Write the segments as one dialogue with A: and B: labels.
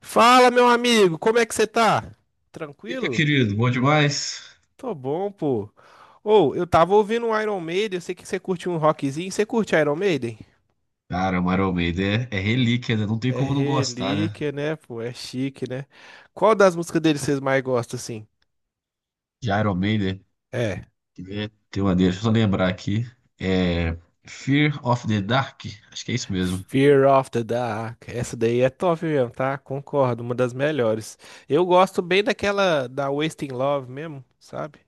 A: Fala, meu amigo, como é que você tá?
B: E aí, meu
A: Tranquilo?
B: querido, bom demais?
A: Tô bom, pô. Ou, eu tava ouvindo um Iron Maiden, eu sei que você curte um rockzinho. Você curte Iron Maiden?
B: Cara, o Iron Maiden é relíquia, né? Não tem
A: É
B: como não gostar, né?
A: relíquia, né, pô? É chique, né? Qual das músicas deles vocês mais gostam, assim?
B: De Iron Maiden,
A: É,
B: que né? Tem uma deixa eu só lembrar aqui. É Fear of the Dark, acho que é isso mesmo.
A: Fear of the Dark. Essa daí é top mesmo, tá? Concordo, uma das melhores. Eu gosto bem daquela da Wasting Love mesmo, sabe?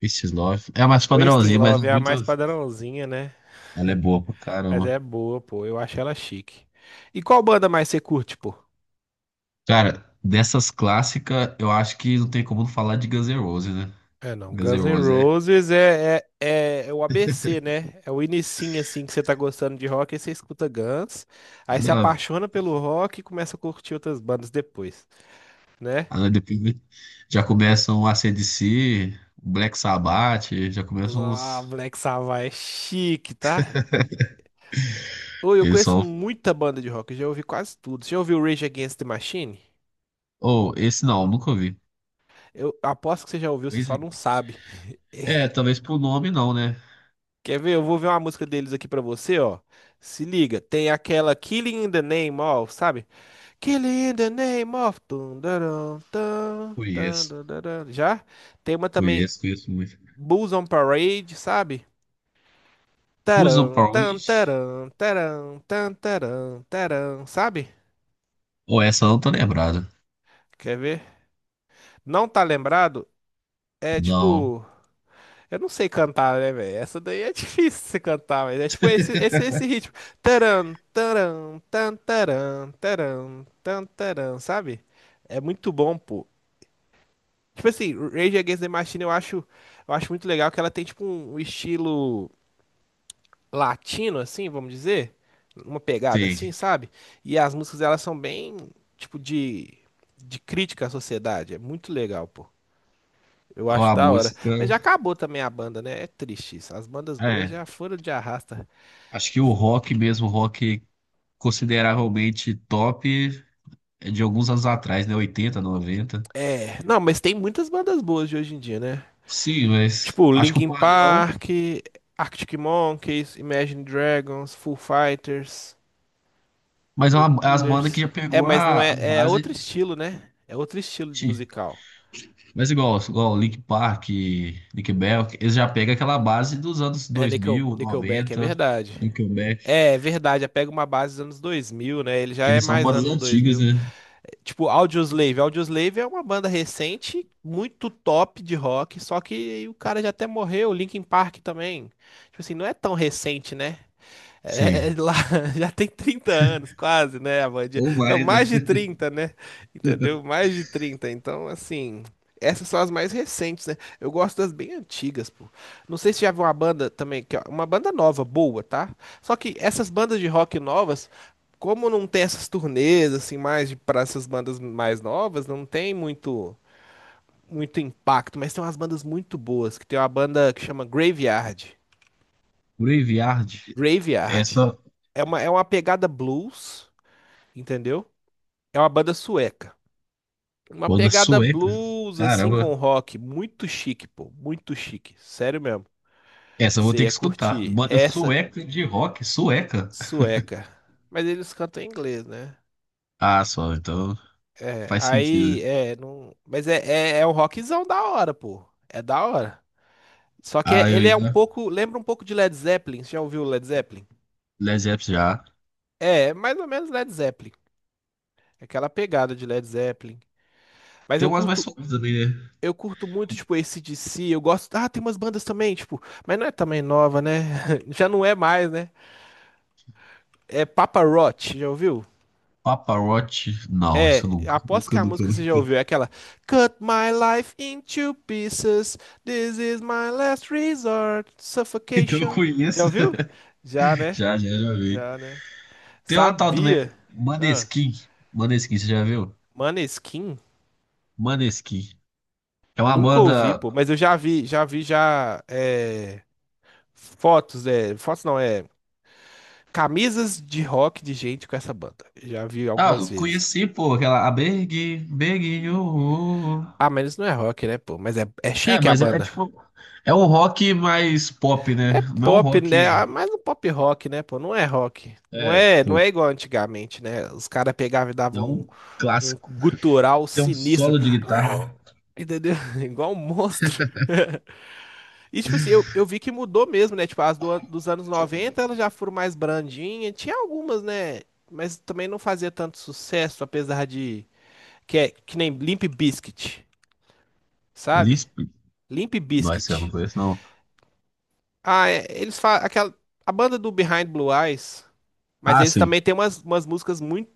B: This is Love. É a mais
A: Wasting
B: padrãozinha, mas é
A: Love é a
B: muito.
A: mais padrãozinha, né?
B: Ela é boa pra
A: Mas
B: caramba.
A: é boa, pô. Eu acho ela chique. E qual banda mais você curte, pô?
B: Cara, dessas clássicas, eu acho que não tem como não falar de Guns N' Roses, né?
A: É, não.
B: Guns N'
A: Guns N'
B: Roses é.
A: Roses é o ABC, né? É o inicinho, assim, que você tá gostando de rock, aí você escuta Guns, aí se
B: Ah,
A: apaixona pelo rock e começa a curtir outras bandas depois, né?
B: ah, depois já começam o AC/DC, Black Sabbath, já começam
A: Ah,
B: os.
A: Black Sabbath é chique, tá? Ô, eu
B: Eles
A: conheço
B: são
A: muita banda de rock, eu já ouvi quase tudo. Você já ouviu Rage Against the Machine?
B: Ou esse não, nunca ouvi.
A: Eu aposto que você já ouviu, você só
B: Esse-
A: não sabe.
B: É, É, talvez por nome não, né?
A: Quer ver? Eu vou ver uma música deles aqui pra você, ó. Se liga, tem aquela Killing in the Name of, sabe? Killing in the Name of. Tum, darum, tum, tum,
B: Conheço,
A: dum, darum. Já? Tem uma também,
B: conheço, conheço muito.
A: Bulls on Parade, sabe?
B: Busan
A: Taram, tam,
B: Point?
A: taram, taram, tam, taram, taram, sabe?
B: Ou essa eu não tô lembrado.
A: Quer ver? Não tá lembrado? É
B: Não,
A: tipo. Eu não sei cantar, né, velho? Essa daí é difícil você cantar, mas é tipo esse, esse, esse ritmo. Taran, taran, tan, taran, taran, tan, taran, sabe? É muito bom, pô. Tipo assim, Rage Against the Machine eu acho muito legal que ela tem tipo um estilo latino, assim, vamos dizer. Uma pegada assim,
B: sim.
A: sabe? E as músicas elas são bem, tipo, de crítica à sociedade. É muito legal, pô. Eu
B: Ou
A: acho
B: a
A: da hora.
B: música.
A: Mas já acabou também a banda, né? É triste isso. As bandas boas
B: É,
A: já foram de arrasta.
B: acho que o rock mesmo, rock consideravelmente top é de alguns anos atrás, né? 80, 90.
A: É, não, mas tem muitas bandas boas de hoje em dia, né?
B: Sim, mas
A: Tipo,
B: acho que o
A: Linkin
B: padrão.
A: Park, Arctic Monkeys, Imagine Dragons, Foo Fighters,
B: Mas é
A: The
B: é as bandas que
A: Killers.
B: já
A: É,
B: pegou
A: mas não
B: a
A: é, é
B: base.
A: outro estilo, né? É outro estilo musical.
B: Mas igual Linkin Park, Nickelback, eles já pegam aquela base dos anos
A: É, Nickel,
B: 2000,
A: Nickelback, é
B: 90.
A: verdade.
B: Nickelback,
A: É verdade, já pega uma base dos anos 2000, né? Ele já
B: que
A: é
B: eles são
A: mais
B: bandas
A: anos
B: antigas,
A: 2000.
B: né?
A: Tipo, Audioslave. Audioslave é uma banda recente, muito top de rock, só que o cara já até morreu, Linkin Park também. Tipo assim, não é tão recente, né? É
B: Sim.
A: lá já tem 30 anos, quase, né, a bandinha?
B: Ou
A: Não,
B: mais, né?
A: mais de 30, né? Entendeu? Mais de trinta. Então, assim, essas são as mais recentes, né? Eu gosto das bem antigas, pô. Não sei se já viu uma banda também, que é uma banda nova, boa, tá? Só que essas bandas de rock novas, como não tem essas turnês, assim, mais de, para essas bandas mais novas, não tem muito, muito impacto, mas tem umas bandas muito boas, que tem uma banda que chama Graveyard.
B: Graveyard,
A: Graveyard
B: essa
A: é uma pegada blues, entendeu? É uma banda sueca. Uma
B: banda
A: pegada
B: sueca,
A: blues, assim, com
B: caramba,
A: rock. Muito chique, pô. Muito chique. Sério mesmo.
B: essa eu vou
A: Você
B: ter
A: ia
B: que escutar.
A: curtir.
B: Banda
A: Essa
B: sueca de rock, sueca.
A: sueca. Mas eles cantam em inglês, né?
B: Ah, só, então
A: É,
B: faz
A: aí,
B: sentido.
A: é, não. Mas é, é, é um rockzão da hora, pô. É da hora. Só que
B: Ah, eu
A: ele é um
B: ainda,
A: pouco. Lembra um pouco de Led Zeppelin. Você já ouviu Led Zeppelin?
B: Led Zeppelin já.
A: É, é mais ou menos Led Zeppelin. Aquela pegada de Led Zeppelin. Mas
B: Tem
A: eu
B: umas mais
A: curto,
B: suaves também, né?
A: Eu curto muito, tipo, esse AC/DC, eu gosto. Ah, tem umas bandas também, tipo, mas não é também nova, né? Já não é mais, né? É Papa Roach, já ouviu?
B: Papa Roach, não, isso
A: É,
B: nunca,
A: aposto que
B: nunca,
A: a
B: nunca,
A: música você já
B: nunca.
A: ouviu, é aquela Cut my life into pieces, this is my last resort,
B: Então eu
A: suffocation. Já
B: conheço,
A: ouviu? Já, né?
B: já, já, já vi.
A: Já, né?
B: Tem uma tal também,
A: Sabia. Ah,
B: Maneskin. Maneskin, você já viu?
A: Maneskin?
B: Maneskin. É uma
A: Nunca ouvi,
B: banda.
A: pô, mas eu já vi já é, fotos não, é camisas de rock de gente com essa banda. Já vi
B: Ah,
A: algumas
B: eu
A: vezes.
B: conheci, pô, aquela. A Big, Big.
A: Ah, mas isso não é rock, né, pô? Mas é
B: É,
A: chique a
B: mas é
A: banda.
B: tipo. É um rock mais pop, né?
A: É
B: Não é um
A: pop, né?
B: rock.
A: Ah, mas um pop rock, né, pô? Não é rock. Não
B: É,
A: é, não é
B: tipo.
A: igual antigamente, né? Os caras pegavam e
B: É
A: davam
B: um
A: um
B: clássico.
A: gutural
B: Tem um
A: sinistro.
B: solo de guitarra.
A: Entendeu? Igual um monstro. E, tipo assim, eu vi que mudou mesmo, né? Tipo, as do, dos anos 90 elas já foram mais brandinhas. Tinha algumas, né? Mas também não fazia tanto sucesso, apesar de que é que nem Limp Bizkit, sabe?
B: Lisp?
A: Limp
B: Nossa, eu não
A: Bizkit.
B: conheço, não.
A: Ah, é, eles falam aquela a banda do Behind Blue Eyes, mas
B: Ah,
A: eles
B: sim.
A: também têm umas músicas muito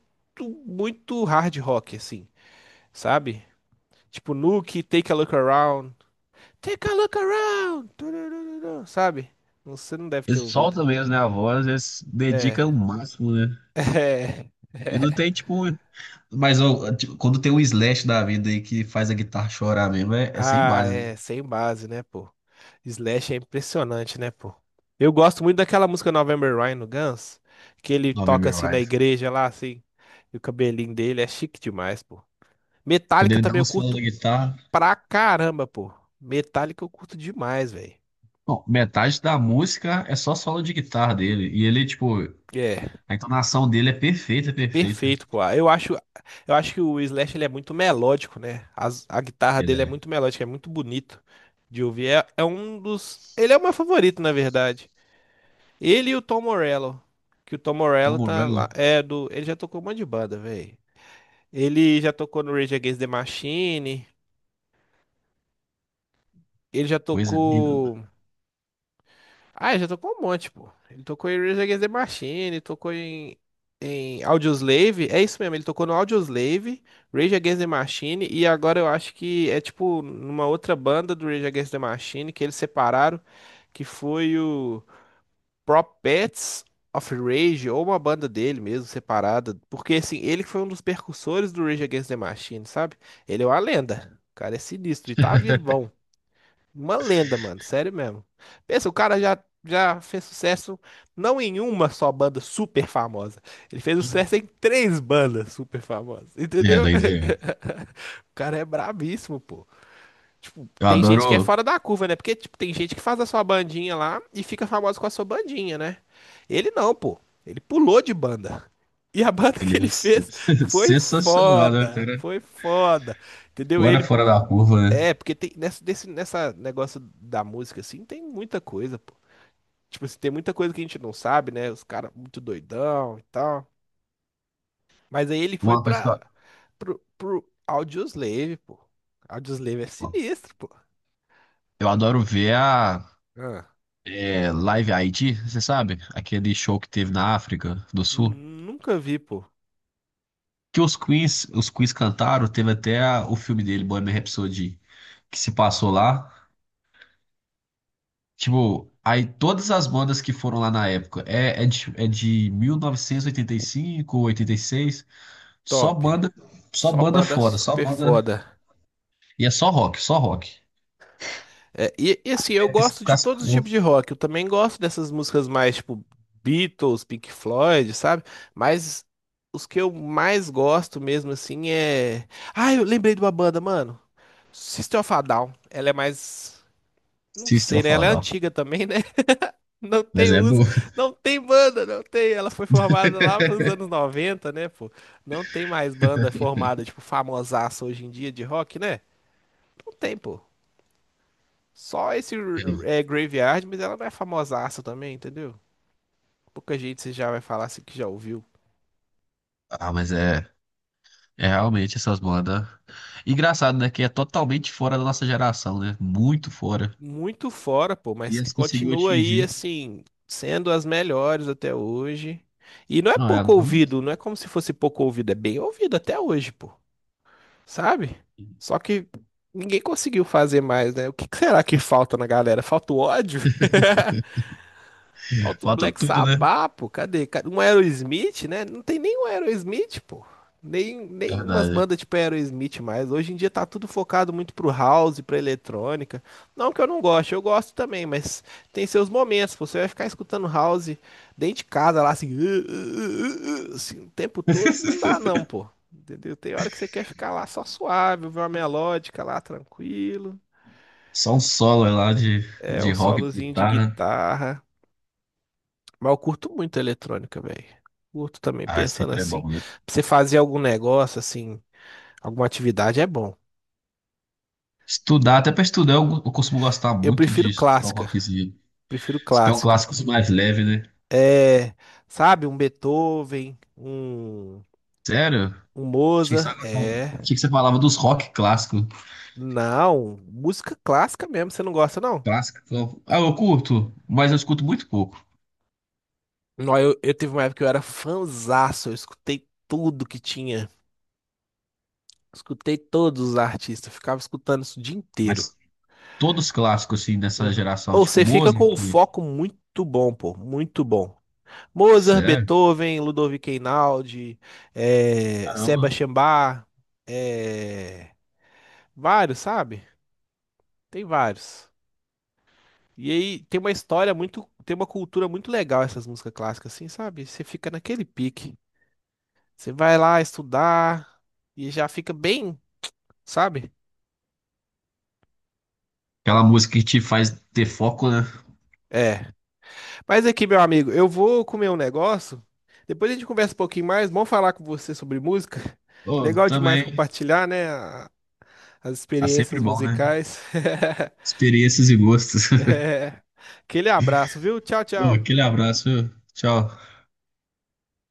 A: muito hard rock, assim, sabe? Tipo Nuke, Take a Look Around, Take a Look Around, turururu, sabe? Você não deve ter
B: Eles
A: ouvido.
B: soltam mesmo, né? A voz, eles dedicam o
A: É,
B: máximo, né?
A: é.
B: E não tem, tipo, Mas ó, tipo, quando tem um Slash da vida aí que faz a guitarra chorar mesmo, é sem
A: Ah,
B: base, né?
A: é, sem base, né, pô? Slash é impressionante, né, pô? Eu gosto muito daquela música November Rain no Guns, que ele toca
B: November
A: assim na
B: Rise.
A: igreja lá, assim, e o cabelinho dele é chique demais, pô.
B: Quando
A: Metallica
B: ele dá
A: também
B: um
A: eu
B: solo da
A: curto
B: guitarra.
A: pra caramba, pô. Metallica eu curto demais, velho.
B: Bom, metade da música é só solo de guitarra dele. E ele, tipo,
A: É,
B: a entonação dele é perfeita, perfeita.
A: perfeito, pô. Eu acho que o Slash ele é muito melódico, né? A guitarra
B: Ele
A: dele é
B: é
A: muito melódica, é muito bonito de ouvir. É, é um dos, ele é o meu favorito, na verdade. Ele e o Tom Morello. Que o Tom
B: Tom
A: Morello tá
B: Morello,
A: lá. É do. Ele já tocou um monte de banda, velho. Ele já tocou no Rage Against the Machine. Ele já
B: coisa linda.
A: tocou. Ah, ele já tocou um monte, pô. Ele tocou em Rage Against the Machine, tocou em. Em Audioslave, é isso mesmo, ele tocou no Audioslave, Rage Against the Machine, e agora eu acho que é tipo numa outra banda do Rage Against the Machine que eles separaram, que foi o. Prophets of Rage, ou uma banda dele mesmo, separada. Porque, assim, ele que foi um dos percussores do Rage Against the Machine, sabe? Ele é uma lenda. O cara é sinistro e tá vivão. Uma lenda, mano. Sério mesmo. Pensa, o cara já fez sucesso não em uma só banda super famosa. Ele fez sucesso em três bandas super famosas,
B: É,
A: entendeu?
B: doideira.
A: O cara é brabíssimo, pô. Tipo,
B: Eu
A: tem gente que é
B: adoro.
A: fora da curva, né? Porque, tipo, tem gente que faz a sua bandinha lá e fica famoso com a sua bandinha, né? Ele não, pô. Ele pulou de banda. E a banda que
B: Ele é um
A: ele fez foi
B: sensacional, né,
A: foda.
B: cara?
A: Foi foda. Entendeu?
B: Agora
A: Ele.
B: fora da curva, né?
A: É, porque tem nessa, desse, nessa negócio da música, assim, tem muita coisa, pô. Tipo assim, tem muita coisa que a gente não sabe, né? Os caras muito doidão e tal. Mas aí ele foi
B: Uma coisa que
A: pra. Pro Audioslave, pô. Audioslave é
B: eu,
A: sinistro, pô.
B: eu adoro ver a
A: Ah.
B: Live Aid, você sabe? Aquele show que teve na África do
A: N-
B: Sul.
A: Nunca vi, pô.
B: Que os Queens cantaram, teve até o filme dele, Bohemian Rhapsody, que se passou lá. Tipo, aí todas as bandas que foram lá na época, é de 1985, 86, só
A: Top.
B: banda, só
A: Só
B: banda
A: banda
B: fora, só
A: super
B: banda.
A: foda.
B: E é só rock, só rock.
A: É, e assim, eu
B: É que se
A: gosto de
B: ficasse-
A: todos os tipos de rock. Eu também gosto dessas músicas mais tipo Beatles, Pink Floyd, sabe? Mas os que eu mais gosto mesmo assim é. Ah, eu lembrei de uma banda, mano. System of a Down. Ela é mais. Não
B: System
A: sei, né?
B: of a
A: Ela é
B: Down.
A: antiga também, né? Não
B: Mas
A: tem
B: é boa.
A: música, não tem banda, não tem. Ela foi formada lá pros anos noventa né, pô? Não tem mais banda formada, tipo, famosaça hoje em dia de rock, né? Não tem, pô. Só esse
B: É.
A: é, Graveyard, mas ela não é famosaça também, entendeu? Pouca gente você já vai falar assim que já ouviu.
B: Ah, mas é. É, realmente, essas bandas. Engraçado, né? Que é totalmente fora da nossa geração, né? Muito fora.
A: Muito fora, pô,
B: E
A: mas que
B: essa conseguiu
A: continua aí,
B: atingir.
A: assim, sendo as melhores até hoje. E não é
B: Não, é.
A: pouco
B: Não-
A: ouvido, não é como se fosse pouco ouvido, é bem ouvido até hoje, pô. Sabe? Só que ninguém conseguiu fazer mais, né? O que que será que falta na galera? Falta o ódio? Falta o
B: Falta
A: Black
B: tudo, né?
A: Sabbath, pô. Cadê? Ca- Um Aerosmith, né? Não tem nem um Aerosmith, pô. Nem umas
B: Verdade.
A: bandas tipo Aerosmith mais. Hoje em dia tá tudo focado muito pro house, pra eletrônica. Não que eu não goste, eu gosto também, mas tem seus momentos. Você vai ficar escutando house dentro de casa lá, assim, uh, assim, o tempo todo, não dá não, pô. Entendeu? Tem hora que você quer ficar lá só suave, ouvir uma melódica lá, tranquilo.
B: Só um solo lá de,
A: É
B: de
A: um
B: rock, de
A: solozinho de
B: guitarra.
A: guitarra. Mas eu curto muito a eletrônica, velho. Curto também,
B: Ah,
A: pensando
B: sempre é
A: assim.
B: bom, né?
A: Pra você fazer algum negócio, assim, alguma atividade é bom.
B: Estudar, até pra estudar, eu costumo gostar
A: Eu
B: muito de
A: prefiro
B: escutar um
A: clássica.
B: rockzinho.
A: Prefiro
B: Se pegar um
A: clássica.
B: clássico mais leve, né?
A: É, sabe, um Beethoven, um,
B: Sério?
A: um
B: Achei que você,
A: Mozart. É.
B: achei que você falava dos rock clássicos.
A: Não, música clássica mesmo, você não gosta, não?
B: Clássico. Ah, eu curto, mas eu escuto muito pouco.
A: Não, eu tive uma época que eu era fanzaço, eu escutei tudo que tinha. Escutei todos os artistas, ficava escutando isso o dia inteiro.
B: Mas todos clássicos, assim, dessa
A: Uhum.
B: geração.
A: Ou
B: Tipo,
A: você fica
B: Mozart.
A: com um foco muito bom, pô, muito bom. Mozart,
B: Sério?
A: Beethoven, Ludovico Einaudi,
B: Caramba.
A: Sebastian Bach, eh, vários, sabe? Tem vários. E aí tem uma história muito, tem uma cultura muito legal essas músicas clássicas, assim, sabe? Você fica naquele pique. Você vai lá estudar e já fica bem, sabe?
B: Aquela música que te faz ter foco, né?
A: É. Mas aqui, meu amigo, eu vou comer um negócio. Depois a gente conversa um pouquinho mais. Vamos falar com você sobre música.
B: Oh,
A: Legal demais
B: também.
A: compartilhar, né? a- As
B: Tá sempre
A: experiências
B: bom, né?
A: musicais.
B: Experiências e gostos.
A: É. Aquele abraço, viu? Tchau,
B: Ô,
A: tchau.
B: aquele abraço, viu? Tchau.